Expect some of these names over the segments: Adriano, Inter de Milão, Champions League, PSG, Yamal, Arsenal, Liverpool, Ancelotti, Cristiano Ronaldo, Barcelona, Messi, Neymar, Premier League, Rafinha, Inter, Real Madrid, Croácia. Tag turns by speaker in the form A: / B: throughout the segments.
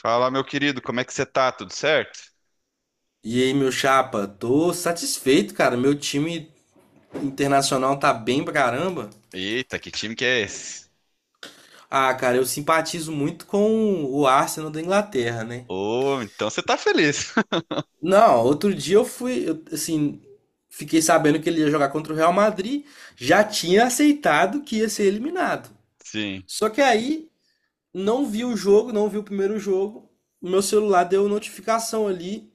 A: Fala, meu querido, como é que você tá? Tudo certo?
B: E aí, meu chapa, tô satisfeito, cara. Meu time internacional tá bem pra caramba.
A: Eita, que time que é esse?
B: Ah, cara, eu simpatizo muito com o Arsenal da Inglaterra, né?
A: Ô, então você tá feliz.
B: Não, outro dia eu, assim, fiquei sabendo que ele ia jogar contra o Real Madrid, já tinha aceitado que ia ser eliminado.
A: Sim.
B: Só que aí não vi o jogo, não vi o primeiro jogo. O meu celular deu notificação ali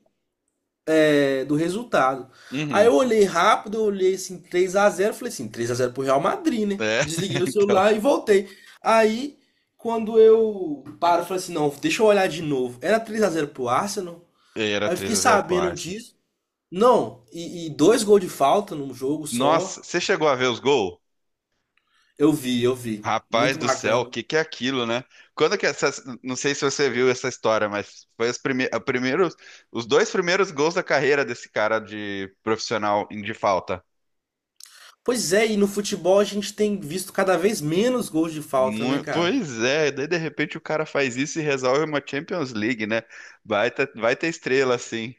B: do resultado. Aí eu
A: Uhum.
B: olhei rápido, eu olhei assim, 3 a 0, falei assim, 3 a 0 pro Real Madrid, né?
A: É,
B: Desliguei o
A: então.
B: celular e voltei. Aí, quando eu paro, eu falei assim, não, deixa eu olhar de novo. Era 3 a 0 pro Arsenal.
A: E aí, era
B: Aí eu fiquei
A: 3x0 pro
B: sabendo
A: Arsenal.
B: disso. Não, e dois gols de falta num jogo só.
A: Nossa, você chegou a ver os gols?
B: Eu vi, eu vi.
A: Rapaz
B: Muito
A: do céu, o
B: bacana.
A: que que é aquilo, né? Quando que essa, não sei se você viu essa história, mas foi os dois primeiros gols da carreira desse cara de profissional de falta.
B: Pois é, e no futebol a gente tem visto cada vez menos gols de falta, né, cara?
A: Pois é, daí de repente o cara faz isso e resolve uma Champions League, né? Vai ter estrela, sim.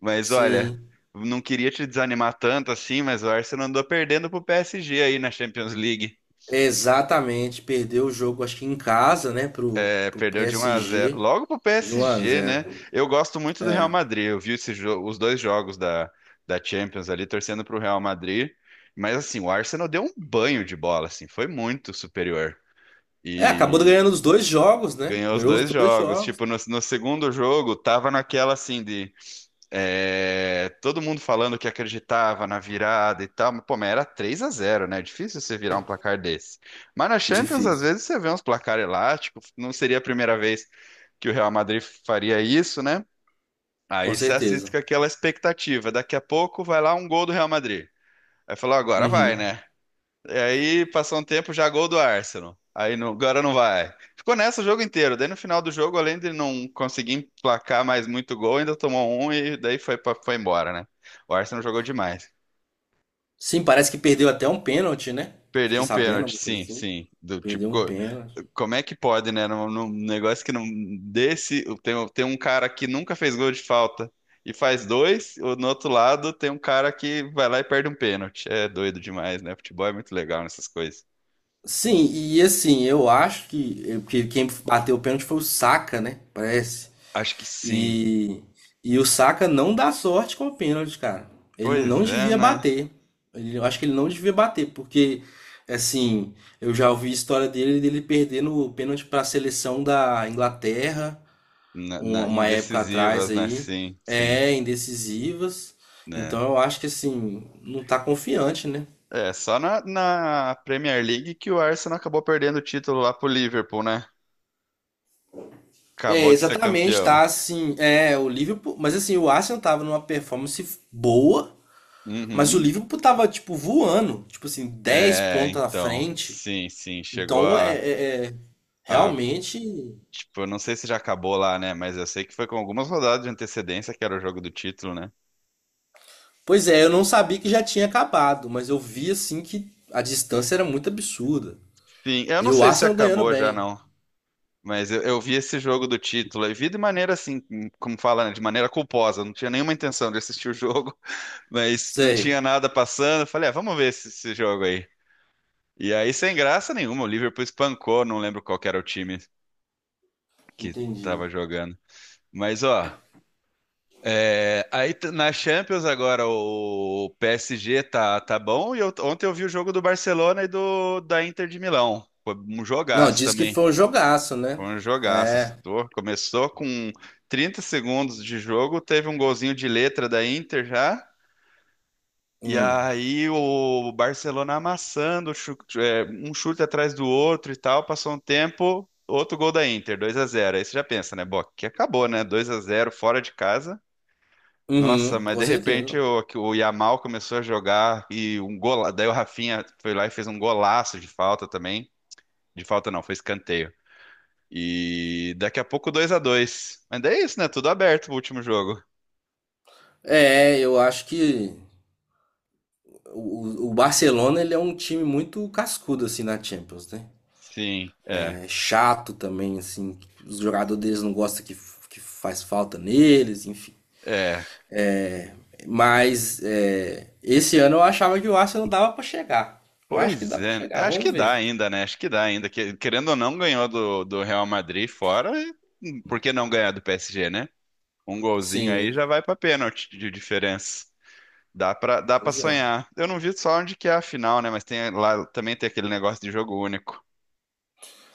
A: Mas olha,
B: Sim.
A: não queria te desanimar tanto assim, mas o Arsenal andou perdendo pro PSG aí na Champions League.
B: Exatamente, perdeu o jogo, acho que em casa, né, pro,
A: É,
B: pro
A: perdeu de 1 a 0
B: PSG,
A: logo pro
B: de um a
A: PSG, né?
B: zero.
A: Eu gosto muito do Real
B: É.
A: Madrid. Eu vi os dois jogos da Champions ali, torcendo pro Real Madrid. Mas assim, o Arsenal deu um banho de bola, assim, foi muito superior.
B: É, acabou ganhando os dois jogos, né?
A: Ganhou os
B: Ganhou os
A: dois
B: dois
A: jogos.
B: jogos.
A: Tipo, no segundo jogo, tava naquela, assim, de, é, todo mundo falando que acreditava na virada e tal. Mas, pô, mas era 3 a 0, né? É difícil você virar um placar desse. Mas na Champions,
B: Difícil,
A: às vezes, você vê uns placar elástico. Não seria a primeira vez que o Real Madrid faria isso, né?
B: com
A: Aí você assiste
B: certeza.
A: com aquela expectativa. Daqui a pouco vai lá um gol do Real Madrid. Aí falou, agora vai,
B: Uhum.
A: né? E aí passou um tempo, já gol do Arsenal. Aí não- agora não vai. Ficou nessa o jogo inteiro. Daí no final do jogo, além de não conseguir emplacar mais muito gol, ainda tomou um e daí foi embora, né? O Arsenal jogou demais.
B: Sim, parece que perdeu até um pênalti, né?
A: Perdeu
B: Fiquei
A: um
B: sabendo,
A: pênalti,
B: alguma coisa
A: sim,
B: assim.
A: sim. Do tipo,
B: Perdeu um pênalti.
A: como é que pode, né? Num negócio que não desse, tem um cara que nunca fez gol de falta e faz dois, ou no outro lado tem um cara que vai lá e perde um pênalti. É doido demais, né? Futebol é muito legal nessas coisas.
B: Sim, e assim, eu acho que quem bateu o pênalti foi o Saka, né? Parece.
A: Acho que sim.
B: E, e o Saka não dá sorte com o pênalti, cara. Ele
A: Pois
B: não
A: é,
B: devia
A: né?
B: bater. Eu acho que ele não devia bater, porque, assim, eu já ouvi a história dele, dele perdendo o pênalti para a seleção da Inglaterra, uma, uma época atrás
A: Indecisivas, né?
B: aí.
A: Sim, sim,
B: É, indecisivas. Então
A: né?
B: eu acho que, assim, não tá confiante, né?
A: É, só na Premier League que o Arsenal acabou perdendo o título lá pro Liverpool, né?
B: É,
A: Acabou de ser
B: exatamente, tá
A: campeão.
B: assim. É, o Liverpool. Mas assim, o Arsenal tava numa performance boa. Mas o
A: Uhum.
B: Liverpool tava, tipo, voando. Tipo assim, 10
A: É,
B: pontos na
A: então,
B: frente.
A: sim, sim, chegou
B: Então é,
A: a,
B: é- é-
A: a,
B: realmente.
A: tipo, eu não sei se já acabou lá, né? Mas eu sei que foi com algumas rodadas de antecedência que era o jogo do título, né?
B: Pois é, eu não sabia que já tinha acabado, mas eu vi assim que a distância era muito absurda.
A: Sim, eu
B: E
A: não
B: o
A: sei se
B: Arsenal ganhando
A: acabou já,
B: bem.
A: não. Mas eu vi esse jogo do título e vi de maneira assim, como fala, né? De maneira culposa. Não tinha nenhuma intenção de assistir o jogo. Mas não
B: Sei.
A: tinha nada passando. Eu falei, ah, vamos ver esse jogo aí. E aí, sem graça nenhuma, o Liverpool espancou. Não lembro qual que era o time que
B: Entendi.
A: tava jogando. Mas, ó, é, aí t- na Champions agora o PSG tá bom. Ontem eu vi o jogo do Barcelona e do da Inter de Milão. Foi um
B: Não,
A: jogaço
B: disse que
A: também.
B: foi um jogaço, né?
A: Foi um jogaço.
B: É.
A: Começou com 30 segundos de jogo, teve um golzinho de letra da Inter já. E
B: Hum.
A: aí o Barcelona amassando, é, um chute atrás do outro e tal. Passou um tempo, outro gol da Inter, 2 a 0. Aí você já pensa, né? Bom, que acabou, né? 2 a 0 fora de casa. Nossa,
B: Uhum,
A: mas
B: com
A: de repente
B: certeza.
A: que o Yamal começou a jogar e um gola, daí o Rafinha foi lá e fez um golaço de falta também. De falta não, foi escanteio. E daqui a pouco 2 a 2. Mas daí é isso, né? Tudo aberto o último jogo.
B: É, eu acho que o Barcelona ele é um time muito cascudo assim na Champions, né?
A: Sim, é.
B: É chato também, assim. Os jogadores deles não gostam que faz falta neles, enfim.
A: É,
B: Mas é, esse ano eu achava que o Arsenal dava pra chegar. Eu acho que
A: pois
B: dá pra
A: é,
B: chegar,
A: acho
B: vamos
A: que
B: ver.
A: dá ainda, né? Acho que dá ainda. Que- Querendo ou não, ganhou do Real Madrid fora. E por que não ganhar do PSG, né? Um golzinho aí
B: Sim,
A: já vai pra pênalti de diferença. Dá pra dá para
B: pois é.
A: sonhar. Eu não vi só onde que é a final, né? Mas tem lá também tem aquele negócio de jogo único.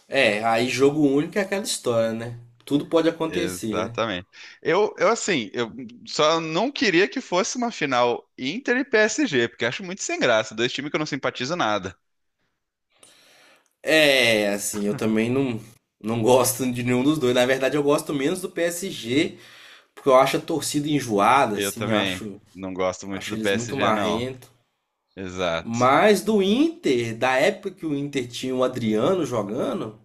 B: É, aí jogo único é aquela história, né? Tudo pode acontecer, né?
A: Exatamente. Eu assim, eu só não queria que fosse uma final Inter e PSG, porque acho muito sem graça. Dois times que eu não simpatizo nada.
B: É, assim, eu também não, não gosto de nenhum dos dois. Na verdade, eu gosto menos do PSG, porque eu acho a torcida enjoada,
A: Eu
B: assim,
A: também
B: acho,
A: não gosto muito
B: acho
A: do
B: eles muito
A: PSG, não.
B: marrentos.
A: Exato.
B: Mas do Inter, da época que o Inter tinha o Adriano jogando,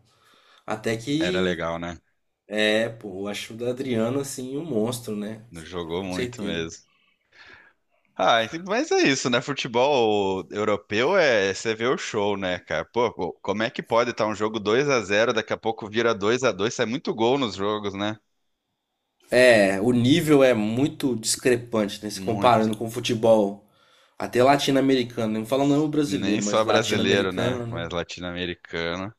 B: até
A: Era
B: que
A: legal, né?
B: é, pô, eu acho o Adriano assim um monstro, né?
A: Não jogou
B: Com
A: muito
B: certeza.
A: mesmo. Ah, ent- mas é isso, né? Futebol europeu é você vê o show, né, cara? Pô, pô, como é que pode estar um jogo 2 a 0, daqui a pouco vira 2 a 2, sai muito gol nos jogos, né?
B: É, o nível é muito discrepante, né? Se
A: Muito.
B: comparando com o futebol até latino-americano, né? Não falando não o
A: Nem
B: brasileiro, mas
A: só brasileiro, né?
B: latino-americano, né?
A: Mas latino-americano.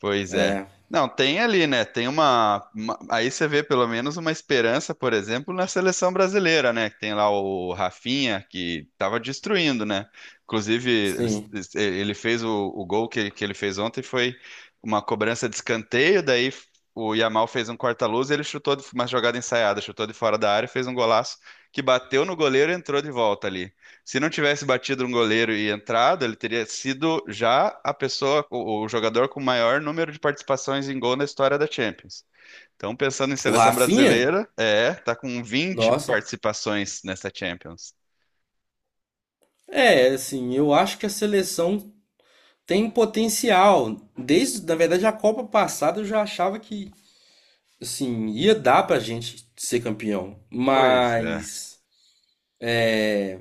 A: Pois é.
B: É,
A: Não, tem ali, né? Aí você vê pelo menos uma esperança, por exemplo, na seleção brasileira, né? Que tem lá o Rafinha, que estava destruindo, né? Inclusive, ele,
B: sim.
A: ele fez o gol que ele fez ontem, foi uma cobrança de escanteio, daí o Yamal fez um corta-luz e ele chutou uma jogada ensaiada, chutou de fora da área, fez um golaço que bateu no goleiro e entrou de volta ali. Se não tivesse batido um goleiro e entrado, ele teria sido já a pessoa, o jogador com maior número de participações em gol na história da Champions. Então, pensando em
B: O
A: seleção
B: Rafinha?
A: brasileira, é, tá com vinte
B: Nossa.
A: participações nessa Champions.
B: É, assim, eu acho que a seleção tem potencial. Desde, na verdade, a Copa passada eu já achava que assim, ia dar pra gente ser campeão,
A: Pois é,
B: mas é,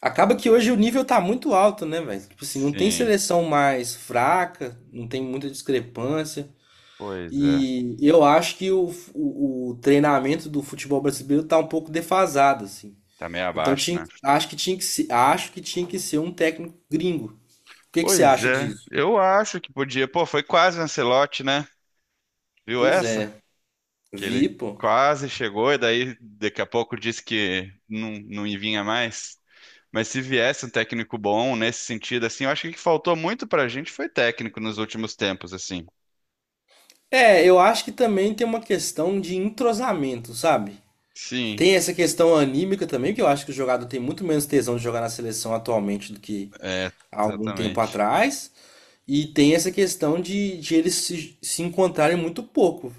B: acaba que hoje o nível tá muito alto, né, velho? Tipo assim, não tem
A: sim,
B: seleção mais fraca, não tem muita discrepância.
A: pois é.
B: E eu acho que o treinamento do futebol brasileiro tá um pouco defasado, assim.
A: Tá meio
B: Então
A: abaixo,
B: tinha,
A: né?
B: acho que tinha que se, acho que tinha que ser um técnico gringo. O que que você
A: Pois
B: acha
A: é,
B: disso?
A: eu acho que podia. Pô, foi quase o Ancelotti, né? Viu
B: Pois
A: essa?
B: é,
A: Que ele
B: vi, pô.
A: quase chegou e daí daqui a pouco disse que não, não vinha mais. Mas se viesse um técnico bom nesse sentido, assim, eu acho que o que faltou muito pra gente foi técnico nos últimos tempos, assim.
B: É, eu acho que também tem uma questão de entrosamento, sabe?
A: Sim,
B: Tem essa questão anímica também, que eu acho que o jogador tem muito menos tesão de jogar na seleção atualmente do que
A: é,
B: há algum tempo
A: exatamente.
B: atrás. E tem essa questão de eles se encontrarem muito pouco.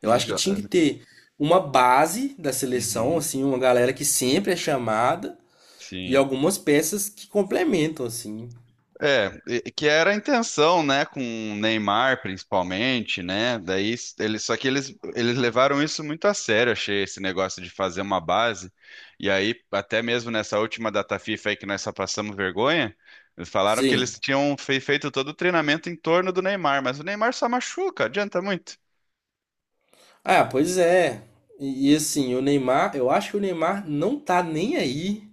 B: Eu
A: E
B: acho que
A: já.
B: tinha que ter uma base da seleção,
A: Uhum,
B: assim, uma galera que sempre é chamada e
A: sim.
B: algumas peças que complementam, assim.
A: É, que era a intenção, né, com o Neymar principalmente, né? Daí s- eles só que eles levaram isso muito a sério, achei esse negócio de fazer uma base. E aí até mesmo nessa última data FIFA aí que nós só passamos vergonha, eles falaram que
B: Sim.
A: eles tinham feito todo o treinamento em torno do Neymar, mas o Neymar só machuca, adianta muito?
B: Ah, pois é. E assim, o Neymar, eu acho que o Neymar não tá nem aí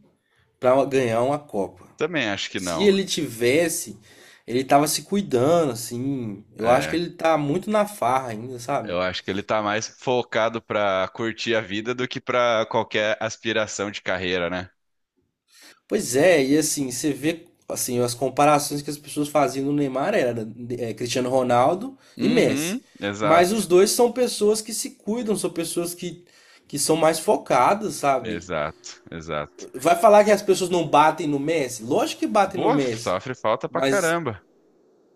B: pra ganhar uma Copa.
A: Também acho que
B: Se
A: não.
B: ele tivesse, ele tava se cuidando, assim. Eu acho que
A: É,
B: ele tá muito na farra ainda, sabe?
A: eu acho que ele tá mais focado pra curtir a vida do que pra qualquer aspiração de carreira, né?
B: Pois é, e assim, você vê assim, as comparações que as pessoas faziam no Neymar era Cristiano Ronaldo e Messi.
A: Uhum,
B: Mas os
A: exato.
B: dois são pessoas que se cuidam, são pessoas que são mais focadas, sabe?
A: Exato, exato.
B: Vai falar que as pessoas não batem no Messi? Lógico que batem no
A: Boa,
B: Messi,
A: sofre falta pra
B: mas
A: caramba.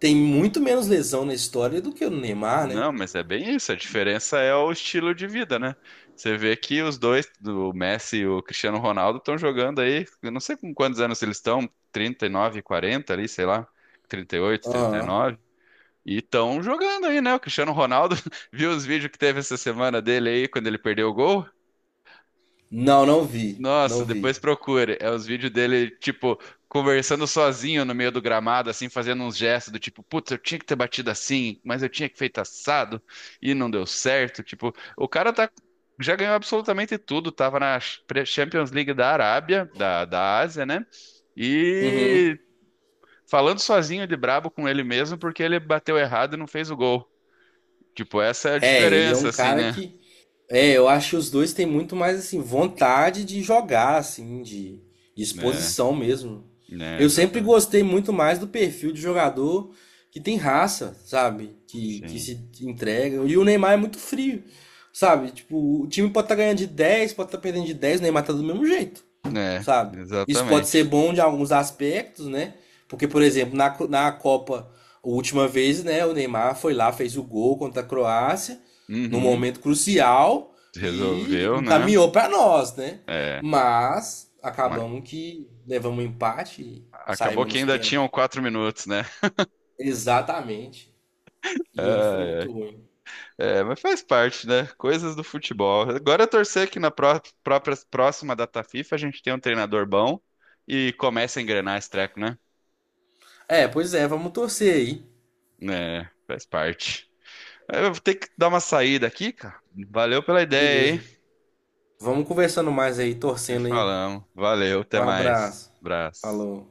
B: tem muito menos lesão na história do que o Neymar, né?
A: Não, mas é bem isso. A diferença é o estilo de vida, né? Você vê que os dois, o Messi e o Cristiano Ronaldo, estão jogando aí. Eu não sei com quantos anos eles estão, 39, 40 ali, sei lá, trinta e oito, trinta e
B: Aham.
A: nove, E estão jogando aí, né? O Cristiano Ronaldo, viu os vídeos que teve essa semana dele aí, quando ele perdeu o gol?
B: Não, não vi.
A: Nossa,
B: Não vi.
A: depois procure. É os vídeos dele, tipo, conversando sozinho no meio do gramado, assim, fazendo uns gestos do tipo, putz, eu tinha que ter batido assim, mas eu tinha que feito assado e não deu certo. Tipo, o cara tá, já ganhou absolutamente tudo. Tava na Champions League da Arábia, da Ásia, né?
B: Uhum.
A: E falando sozinho de brabo com ele mesmo, porque ele bateu errado e não fez o gol. Tipo, essa é a
B: É, ele é um
A: diferença, assim,
B: cara
A: né?
B: que. É, eu acho que os dois têm muito mais assim, vontade de jogar, assim, de
A: É,
B: exposição mesmo.
A: né,
B: Eu sempre
A: exatamente.
B: gostei muito mais do perfil de jogador que tem raça, sabe? Que
A: Sim.
B: se entrega. E o Neymar é muito frio, sabe? Tipo, o time pode estar ganhando de 10, pode estar perdendo de 10, o Neymar tá do mesmo jeito.
A: É,
B: Sabe? Isso pode ser
A: exatamente.
B: bom de alguns aspectos, né? Porque, por exemplo, na Copa, a última vez, né, o Neymar foi lá, fez o gol contra a Croácia, num
A: Uhum,
B: momento crucial, e
A: resolveu, né?
B: encaminhou para nós, né?
A: É,
B: Mas
A: ma-
B: acabamos que levamos um empate e
A: acabou
B: saímos
A: que
B: nos
A: ainda
B: pênaltis.
A: tinham 4 minutos, né?
B: Exatamente. E aí foi
A: Ai, ai.
B: muito ruim.
A: É, mas faz parte, né? Coisas do futebol. Agora é torcer que na próxima data FIFA a gente tenha um treinador bom e comece a engrenar esse treco, né?
B: É, pois é, vamos torcer aí.
A: É, faz parte. É, eu vou ter que dar uma saída aqui, cara. Valeu pela ideia, hein?
B: Beleza. Vamos conversando mais aí,
A: Se
B: torcendo aí.
A: falamos. Valeu,
B: Um
A: até mais.
B: abraço.
A: Abraço.
B: Falou.